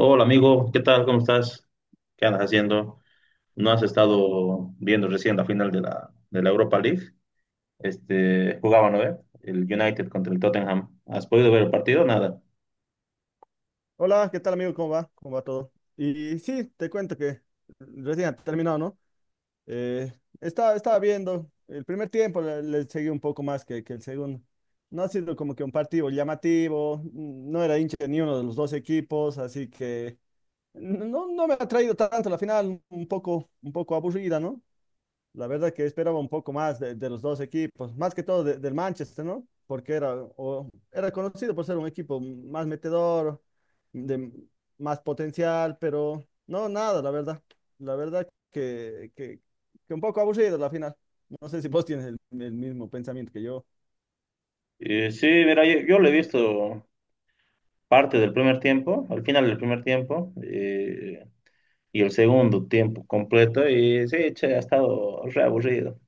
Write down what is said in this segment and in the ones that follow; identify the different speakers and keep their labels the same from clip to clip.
Speaker 1: Hola amigo, ¿qué tal? ¿Cómo estás? ¿Qué andas haciendo? ¿No has estado viendo recién la final de la Europa League? Jugaban, ¿no? El United contra el Tottenham. ¿Has podido ver el partido? Nada.
Speaker 2: Hola, ¿qué tal amigo? ¿Cómo va? ¿Cómo va todo? Y sí, te cuento que recién ha terminado, ¿no? Eh, estaba viendo el primer tiempo, le seguí un poco más que el segundo. No ha sido como que un partido llamativo, no era hincha de ni uno de los dos equipos, así que no me ha traído tanto la final, un poco aburrida, ¿no? La verdad que esperaba un poco más de los dos equipos, más que todo del Manchester, ¿no? Porque era, era conocido por ser un equipo más metedor, de más potencial, pero no, nada, la verdad. La verdad que, que, que un poco aburrido la final. No sé si vos tienes el mismo pensamiento que yo.
Speaker 1: Sí, mira, yo lo he visto parte del primer tiempo, al final del primer tiempo, y el segundo tiempo completo, y sí, che, ha estado re aburrido.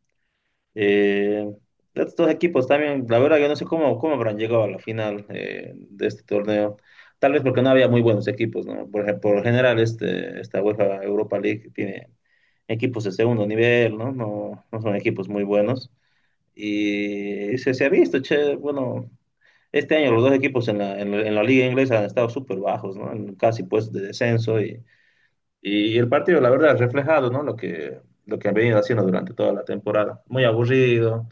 Speaker 1: Eh, Estos dos equipos también, la verdad, yo no sé cómo habrán llegado a la final de este torneo. Tal vez porque no había muy buenos equipos, ¿no? Por lo general, esta UEFA Europa League tiene equipos de segundo nivel, ¿no? No son equipos muy buenos. Y se ha visto, che, bueno, este año los dos equipos en en la liga inglesa han estado súper bajos, ¿no? En casi pues de descenso, y el partido, la verdad, ha reflejado, ¿no? Lo que han venido haciendo durante toda la temporada. Muy aburrido,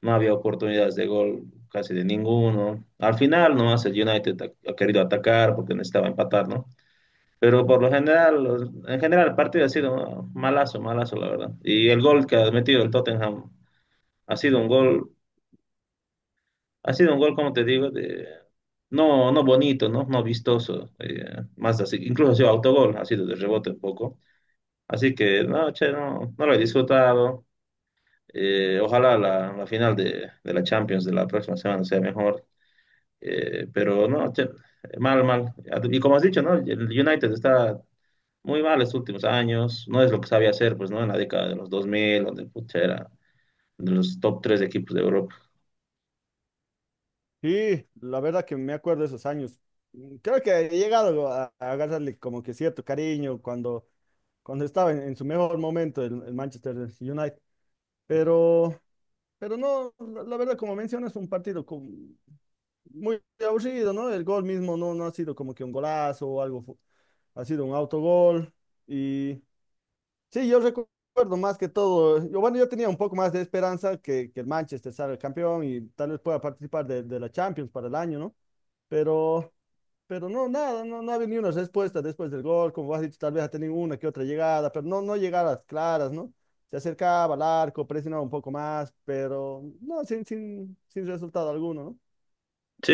Speaker 1: no había oportunidades de gol casi de ninguno. Al final, ¿no? El United ha querido atacar porque necesitaba empatar, ¿no? Pero por lo general, en general, el partido ha sido malazo, malazo, la verdad. Y el gol que ha metido el Tottenham ha sido un gol, como te digo, no, no bonito, ¿no? No vistoso. Más así, incluso ha sido autogol, ha sido de rebote un poco. Así que, no, che, no lo he disfrutado. Ojalá la la final de la Champions de la próxima semana sea mejor. Pero no, che, mal, mal. Y como has dicho, ¿no? El United está muy mal estos últimos años. No es lo que sabía hacer, pues, ¿no? En la década de los 2000, donde, pucha, era de los top tres equipos de Europa.
Speaker 2: Sí, la verdad que me acuerdo de esos años. Mm, creo que he llegado a agarrarle como que cierto cariño cuando, cuando estaba en su mejor momento el Manchester United. Pero Pero no, la verdad, como mencionas, muy aburrido, ¿no? El gol mismo no, no ha sido como que un golazo o algo, ha sido un autogol. Y sí, yo recuerdo más que todo, yo, bueno, yo tenía un poco más de esperanza que el Manchester salga campeón y tal vez pueda participar de la Champions para el año, ¿no? Pero pero no, nada, no ha venido una respuesta después del gol, como has dicho, tal vez ha tenido una que otra llegada, pero no, no llegadas claras, ¿no? Se acercaba al arco, presionaba un poco más, pero no, sin resultado alguno, ¿no?
Speaker 1: Sí,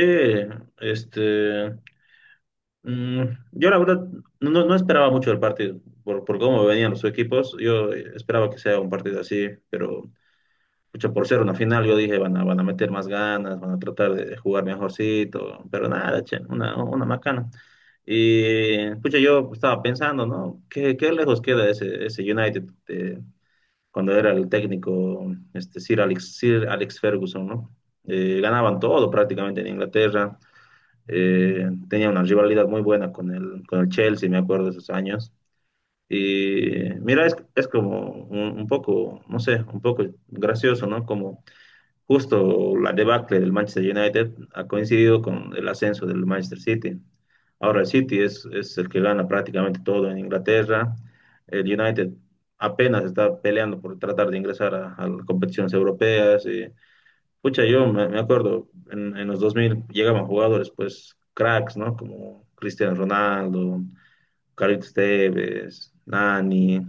Speaker 1: este, mm, yo la verdad no esperaba mucho del partido, por cómo venían los equipos. Yo esperaba que sea un partido así, pero... Pucha, por ser una final, yo dije, van a meter más ganas, van a tratar de jugar mejorcito, pero nada, che, una macana. Y, pucha, yo estaba pensando, ¿no? ¿Qué lejos queda ese United de- cuando era el técnico este, Sir Alex Ferguson, ¿no? Ganaban todo prácticamente en Inglaterra, tenía una rivalidad muy buena con el Chelsea. Me acuerdo de esos años. Y mira, es como un poco, no sé, un poco gracioso, ¿no? Como, justo la debacle del Manchester United ha coincidido con el ascenso del Manchester City. Ahora el City es el que gana prácticamente todo en Inglaterra. El United apenas está peleando por tratar de ingresar a las competiciones europeas. Y, pucha, me acuerdo, en los 2000 llegaban jugadores, pues, cracks, ¿no? Como Cristiano Ronaldo, Carlitos Tevez, Nani,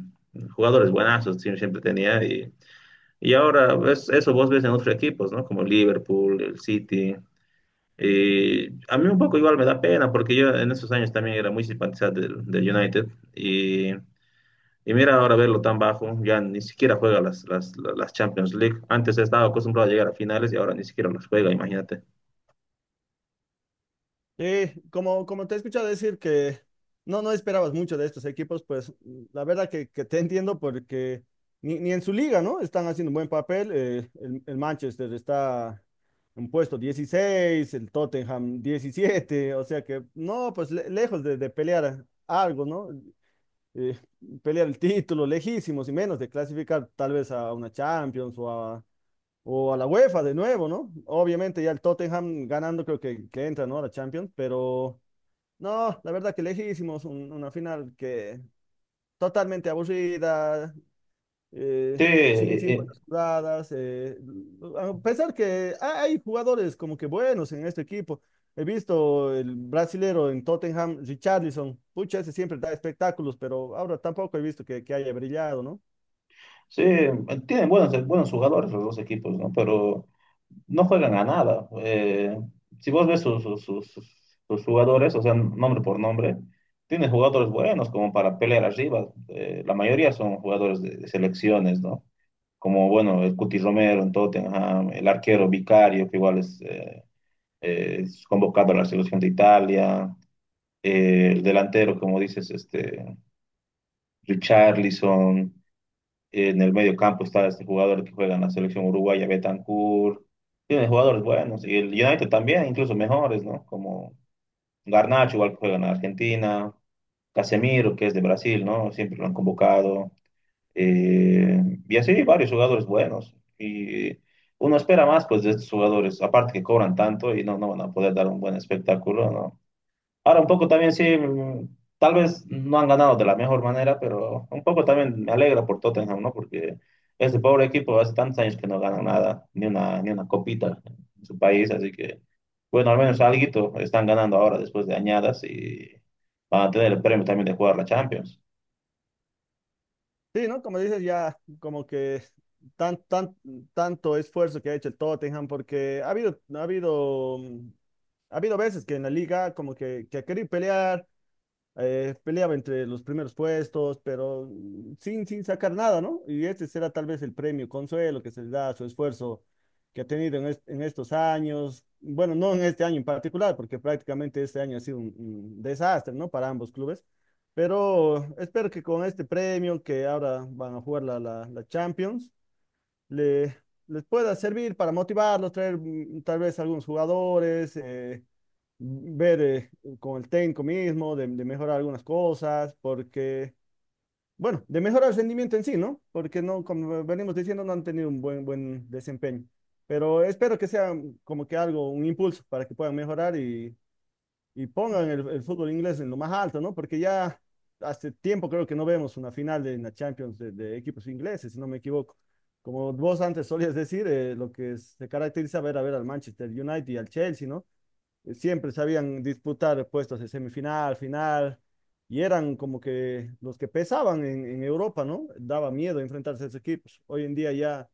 Speaker 1: jugadores buenazos siempre tenía. Y ahora eso vos ves en otros equipos, ¿no? Como Liverpool, el City. Y a mí un poco igual me da pena porque yo en esos años también era muy simpatizante del United. Y, y mira ahora verlo tan bajo, ya ni siquiera juega las Champions League. Antes estaba acostumbrado a llegar a finales y ahora ni siquiera las juega, imagínate.
Speaker 2: Como te he escuchado decir que no esperabas mucho de estos equipos, pues mm, la verdad que te entiendo porque ni en su liga, ¿no? Están haciendo un buen papel. Eh, el Manchester está en puesto 16, el Tottenham 17, o sea que no, pues lejos de pelear algo, ¿no? Eh, pelear el título, lejísimos y menos de clasificar tal vez a una Champions o a la UEFA de nuevo, ¿no? Obviamente ya el Tottenham ganando creo que entra, ¿no? A la Champions, pero... No, la verdad que lejísimos, una final que totalmente aburrida,
Speaker 1: Sí,
Speaker 2: sin buenas jugadas. Eh, a pesar que hay jugadores como que buenos en este equipo. He visto el brasilero en Tottenham, Richarlison. Pucha, ese siempre da espectáculos, pero ahora tampoco he visto que haya brillado, ¿no?
Speaker 1: sí, tienen buenos, buenos jugadores los dos equipos, ¿no? Pero no juegan a nada. Si vos ves sus jugadores, o sea, nombre por nombre, tiene jugadores buenos como para pelear arriba. La mayoría son jugadores de selecciones, ¿no? Como, bueno, el Cuti Romero en Tottenham, el arquero Vicario, que igual es convocado a la selección de Italia, el delantero, como dices, Richarlison. En el medio campo está este jugador que juega en la selección uruguaya, Betancourt. Tiene jugadores buenos. Y el United también, incluso mejores, ¿no? Como Garnacho, igual que juega en Argentina. Casemiro, que es de Brasil, ¿no? Siempre lo han convocado. Eh, y así varios jugadores buenos. Y uno espera más, pues, de estos jugadores. Aparte que cobran tanto y no van a poder dar un buen espectáculo, ¿no? Ahora un poco también sí, tal vez no han ganado de la mejor manera, pero un poco también me alegra por Tottenham, ¿no? Porque ese pobre equipo hace tantos años que no gana nada, ni una copita en su país, así que, bueno, al menos alguito están ganando ahora después de añadas, y van a tener el premio también de jugar la Champions.
Speaker 2: Sí, ¿no? Como dices, ya como que tan, tan, tanto esfuerzo que ha hecho el Tottenham, porque ha habido veces que en la liga como que ha querido pelear, peleaba entre los primeros puestos, pero mm, sin sacar nada, ¿no? Y este será tal vez el premio consuelo que se le da a su esfuerzo que ha tenido en, en estos años, bueno, no en este año en particular, porque prácticamente este año ha sido un desastre, ¿no? Para ambos clubes, pero espero que con este premio que ahora van a jugar la Champions, le, les pueda servir para motivarlos, traer mm, tal vez algunos jugadores. Eh, ver con el técnico mismo, de mejorar algunas cosas, porque, bueno, de mejorar el rendimiento en sí, ¿no? Porque no, como venimos diciendo, no han tenido un buen, buen desempeño. Pero espero que sea como que algo, un impulso para que puedan mejorar y pongan el fútbol inglés en lo más alto, ¿no? Porque ya hace tiempo creo que no vemos una final de la Champions de equipos ingleses, si no me equivoco. Como vos antes solías decir, lo que se caracteriza ver a ver al Manchester United y al Chelsea, ¿no? Eh, siempre sabían disputar puestos de semifinal, final, y eran como que los que pesaban en Europa, ¿no? Daba miedo enfrentarse a esos equipos. Hoy en día ya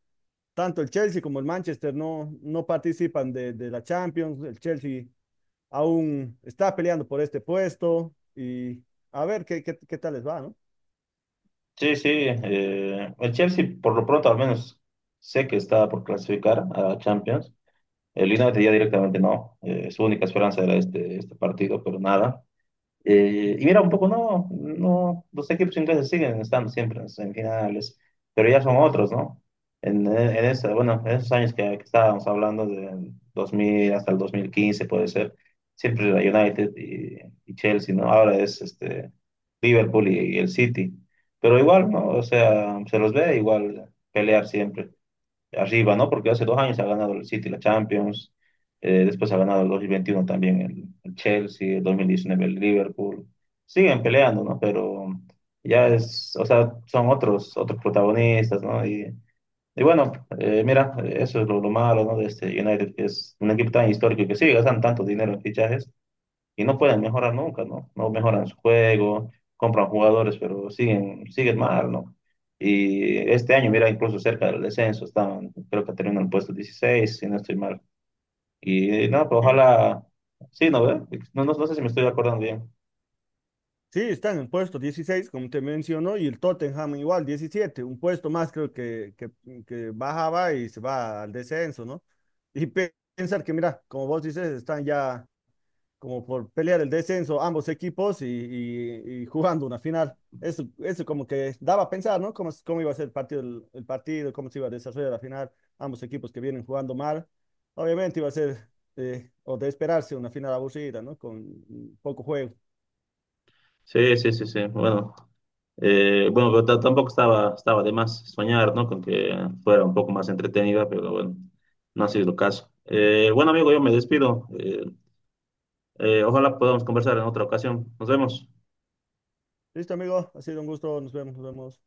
Speaker 2: tanto el Chelsea como el Manchester no, no participan de la Champions, el Chelsea aún está peleando por este puesto y a ver qué tal les va, ¿no?
Speaker 1: Sí, sí, el Chelsea por lo pronto al menos sé que está por clasificar a la Champions. El United ya directamente no, es su única esperanza era este partido, pero nada. Y mira, un poco no, los equipos ingleses siguen estando siempre en las semifinales, pero ya son otros, ¿no? Bueno, en esos años que estábamos hablando, de 2000 hasta el 2015, puede ser, siempre era United y Chelsea, ¿no? Ahora es Liverpool y el City, pero igual, ¿no? O sea, se los ve igual pelear siempre arriba, ¿no? Porque hace dos años ha ganado el City la Champions, después ha ganado el 2021 también el Chelsea, el 2019 el Liverpool. Siguen peleando, ¿no? Pero ya es, o sea, son otros, otros protagonistas, ¿no? Y bueno, mira, eso es lo malo, ¿no? De este United, que es un equipo tan histórico que sigue gastando tanto dinero en fichajes y no pueden mejorar nunca, ¿no? No mejoran su juego, compran jugadores, pero siguen, siguen mal, ¿no? Y este año, mira, incluso cerca del descenso, estaban, creo que terminan el puesto 16 si no estoy mal. Y no, pero
Speaker 2: Sí,
Speaker 1: ojalá, sí, ¿no ve? No sé si me estoy acordando bien.
Speaker 2: sí, están en puesto 16, como te mencionó, y el Tottenham igual, 17, un puesto más creo que bajaba y se va al descenso, ¿no? Y pensar que, mira, como vos dices, están ya como por pelear el descenso ambos equipos y, y jugando una final. Eso como que daba a pensar, ¿no? Cómo, cómo iba a ser el partido, el partido, cómo se iba a desarrollar la final, ambos equipos que vienen jugando mal. Obviamente iba a ser, o de esperarse, una final aburrida, ¿no? Con mm, poco juego.
Speaker 1: Sí, sí, sí, sí. Bueno, bueno, pero tampoco estaba, estaba de más soñar, ¿no? Con que fuera un poco más entretenida, pero bueno, no ha sido el caso. Bueno, amigo, yo me despido. Ojalá podamos conversar en otra ocasión. Nos vemos.
Speaker 2: Listo, amigo. Ha sido un gusto. Nos vemos. Nos vemos.